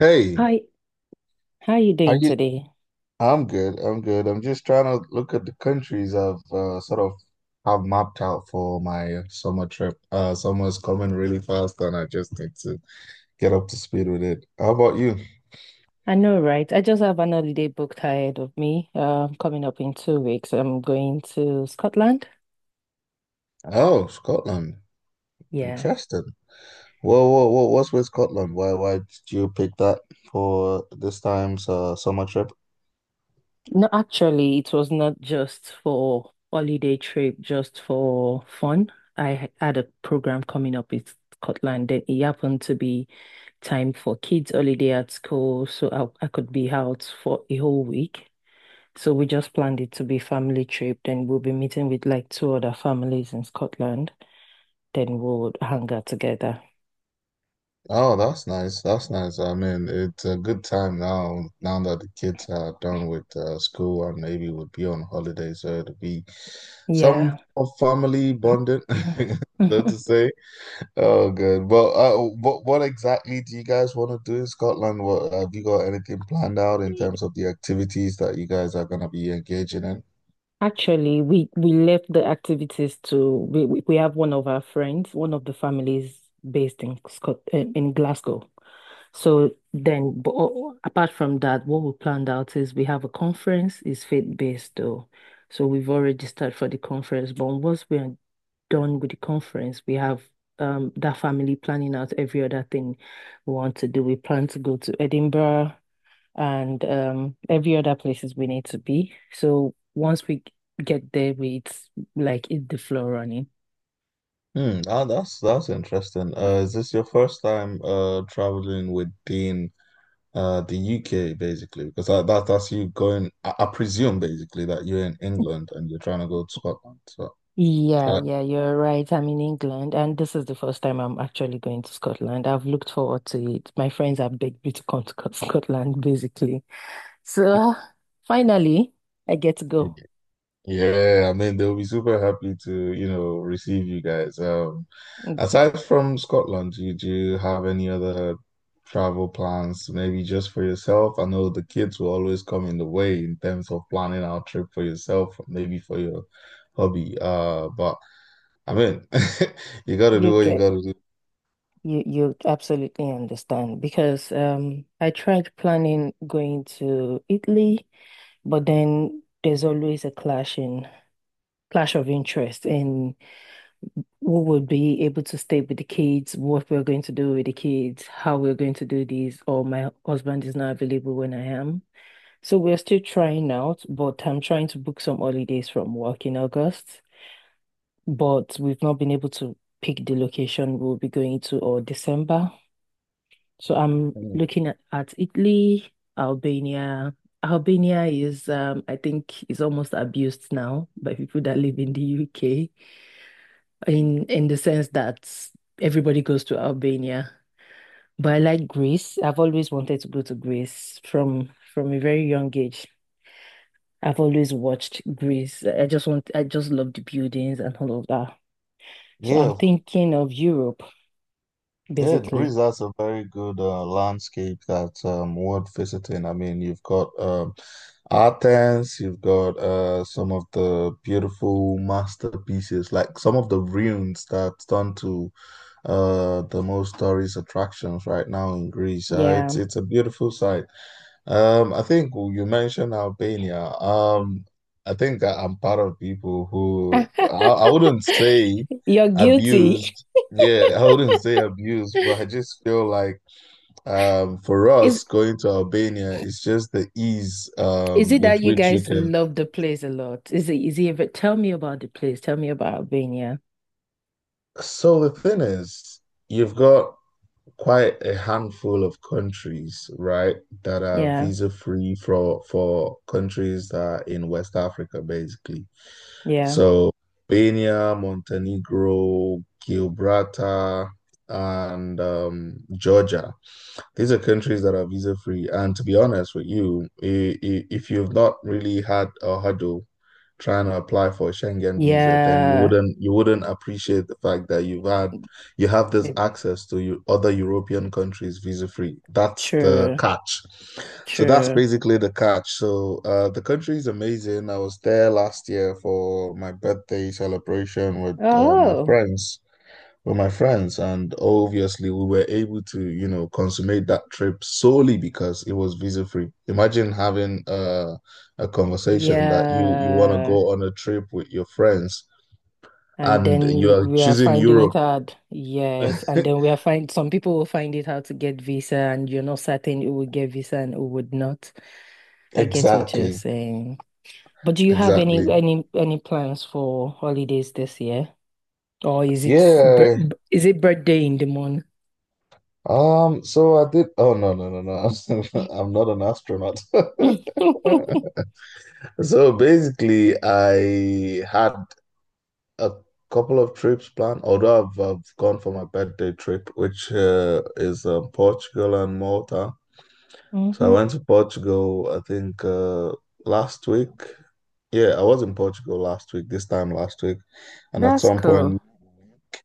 Hey, Hi, how you how doing you? today? I'm good. I'm good. I'm just trying to look at the countries I've sort of have mapped out for my summer trip. Summer's coming really fast, and I just need to get up to speed with it. How about you? I know, right? I just have an holiday booked ahead of me. Coming up in 2 weeks, I'm going to Scotland. Oh, Scotland. Yeah. Interesting. Whoa, whoa, whoa. What's with Scotland? Why did you pick that for this time's summer trip? No, actually, it was not just for holiday trip, just for fun. Had a program coming up in Scotland, then it happened to be time for kids' holiday at school, so I could be out for a whole week. So we just planned it to be family trip. Then we'll be meeting with like 2 other families in Scotland, then we'll hang out together. Oh, that's nice. That's nice. I mean, it's a good time now, now that the kids are done with school and maybe would be on holiday, so it'll be some Yeah. of family bonding, so to say. Oh, good. But what exactly do you guys want to do in Scotland? What have you got anything planned out in terms of the activities that you guys are going to be engaging in? Actually, we left the activities to we have one of our friends, one of the families based in Scot in Glasgow. So then, but apart from that, what we planned out is we have a conference. It's faith-based though, so we've already started for the conference. But once we are done with the conference, we have that family planning out every other thing we want to do. We plan to go to Edinburgh and every other places we need to be. So once we get there, we it's like it's the floor running. Hmm, ah, that's interesting. Is this your first time traveling within the UK basically, because that's you going. I presume basically that you're in England and you're trying to go to Scotland. So, Yeah, uh, yeah, you're right. I'm in England, and this is the first time I'm actually going to Scotland. I've looked forward to it. My friends have begged me to come to Scotland, basically. So finally, I get to go. yeah, I mean they'll be super happy to, you know, receive you guys. Mm. Aside from Scotland, do you have any other travel plans? Maybe just for yourself? I know the kids will always come in the way in terms of planning our trip for yourself, maybe for your hobby. But I mean, you got to do You what you get got to do. You absolutely understand because I tried planning going to Italy. But then there's always a clash in clash of interest in who would be able to stay with the kids, what we're going to do with the kids, how we're going to do this, or my husband is not available when I am. So we're still trying out, but I'm trying to book some holidays from work in August, but we've not been able to pick the location we'll be going to, or December. So I'm Mm. looking at Italy, Albania. Albania is, I think, is almost abused now by people that live in the UK, in the sense that everybody goes to Albania. But I like Greece. I've always wanted to go to Greece from a very young age. I've always watched Greece. I just love the buildings and all of that. So I'm Yeah, thinking of Europe, yeah, basically. Greece has a very good landscape that's worth visiting. I mean, you've got Athens, you've got some of the beautiful masterpieces, like some of the ruins that's done to the most tourist attractions right now in Greece. Uh, it's Yeah. it's a beautiful sight. I think you mentioned Albania. I think I'm part of people who I wouldn't say You're guilty. abused. Yeah, I wouldn't say abused, but I just feel like for It's. us going to Albania, it's just the ease Is it with that you which you guys can. love the place a lot? Is it ever, tell me about the place. Tell me about Albania. So the thing is, you've got quite a handful of countries, right, that are Yeah, visa free for countries that are in West Africa, basically. yeah, So Albania, Montenegro, Gibraltar, and Georgia. These are countries that are visa free. And to be honest with you, if you've not really had a hurdle trying to apply for a Schengen visa, then you yeah. wouldn't you wouldn't appreciate the fact that you have this It- access to you, other European countries visa free. That's the true, catch. So that's true. basically the catch. So the country is amazing. I was there last year for my birthday celebration with my Oh, friends with my friends. And obviously, we were able to, you know, consummate that trip solely because it was visa free. Imagine having a conversation that you want to yeah. go on a trip with your friends And and you then are we are choosing finding it Europe. hard. Yes. And then we are find, some people will find it hard to get visa, and you're not certain who would get visa and who would not. I get what you're Exactly, saying. But do you have any exactly. any any plans for holidays this year? Or is it Yeah. Is it birthday in the morning? So I did. Oh no, no, no, no. I'm not an astronaut. So basically, I had a couple of trips planned, although I've gone for my birthday trip, which is Portugal and Malta. So I Hmm. went to Portugal, I think last week. Yeah, I was in Portugal last week, this time last week. And at That's some cool. point,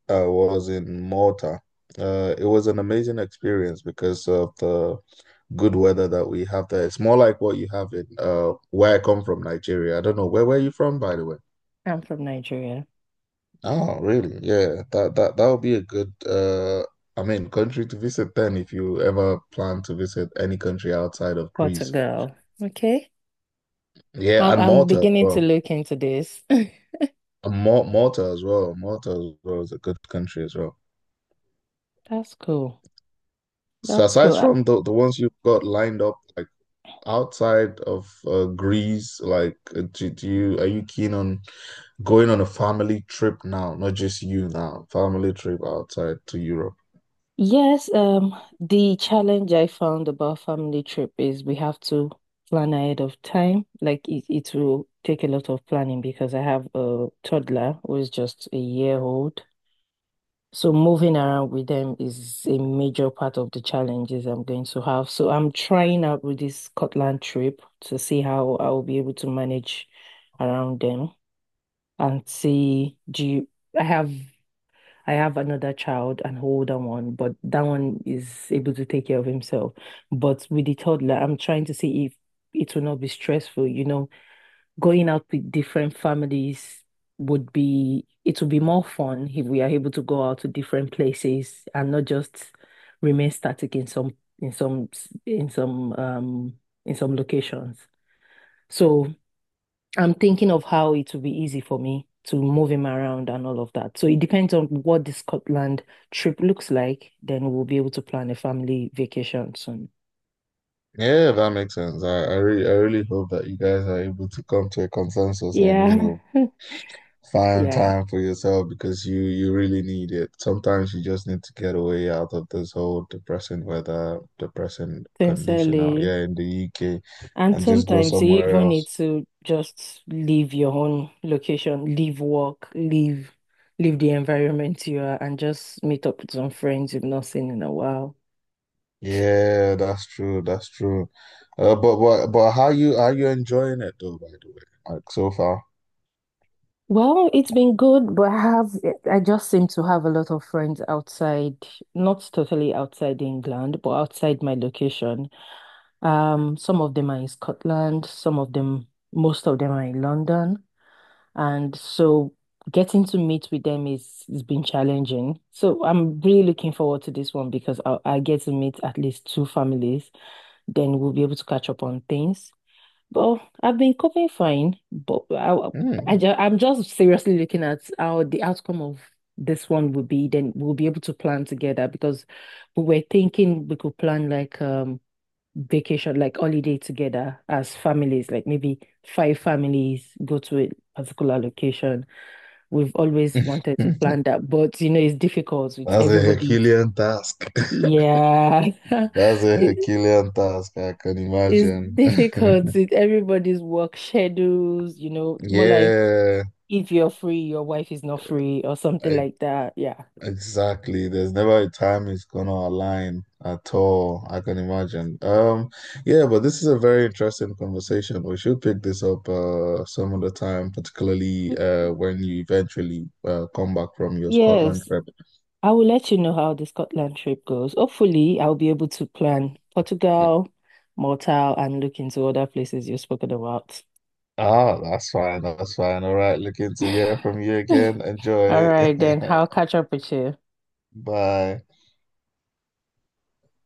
I was in Malta. It was an amazing experience because of the good weather that we have there. It's more like what you have in where I come from, Nigeria. I don't know, where were you from, by the way? I'm from Nigeria, Oh, really? Yeah, that would be a good I mean country to visit then if you ever plan to visit any country outside of Greece. Portugal. Okay. Yeah, and I'm Malta as beginning to well. look into this. And Malta as well. Malta as well is a good country as well. That's cool. So That's aside cool. I-. from the ones you've got lined up, like outside of Greece, like do you are you keen on going on a family trip now, not just you now, family trip outside to Europe. Yes, the challenge I found about family trip is we have to plan ahead of time. Like it will take a lot of planning because I have a toddler who is just a year old. So moving around with them is a major part of the challenges I'm going to have. So I'm trying out with this Scotland trip to see how I'll be able to manage around them and see do you, I have I have another child, an older one, but that one is able to take care of himself. But with the toddler, I'm trying to see if it will not be stressful, you know, going out with different families would be, it would be more fun if we are able to go out to different places and not just remain static in some, in some, um, in some locations. So I'm thinking of how it will be easy for me to move him around and all of that. So it depends on what the Scotland trip looks like. Then we'll be able to plan a family vacation soon. Yeah, that makes sense. I really hope that you guys are able to come to a consensus and you Yeah. know find Yeah. time for yourself because you really need it. Sometimes you just need to get away out of this whole depressing weather, depressing condition out Sincerely. here in the UK And and just go sometimes you somewhere even need else. to just leave your own location, leave work, leave the environment you are, and just meet up with some friends you've not seen in a while. Yeah, that's true. That's true. But how you are you enjoying it though, by the way? Like so far. Well, it's been good, but I just seem to have a lot of friends outside, not totally outside England, but outside my location. Some of them are in Scotland, most of them are in London. And so getting to meet with them is has been challenging. So I'm really looking forward to this one because I get to meet at least 2 families. Then we'll be able to catch up on things. But I've been coping fine. But I Hmm. ju- I'm just seriously looking at how the outcome of this one will be. Then we'll be able to plan together because we were thinking we could plan like vacation, like holiday together as families, like maybe 5 families go to a particular location. We've always wanted to plan that, but you know, it's difficult with That's a everybody. Herculean task. Yeah. That's a it, Herculean task, I can it's imagine. difficult with everybody's work schedules, you know, more like Yeah. if you're free, your wife is not free or something I like that. Yeah. exactly. There's never a time it's gonna align at all, I can imagine. Yeah, but this is a very interesting conversation. We should pick this up some other time, particularly Y- when you eventually come back from your Scotland Yes, trip. I will let you know how the Scotland trip goes. Hopefully, I'll be able to plan Yeah. Portugal, Malta, and look into other places you've spoken about. Ah, that's fine, that's fine. All right, looking to hear from you again. All Enjoy. right, then I'll catch up with you. Bye.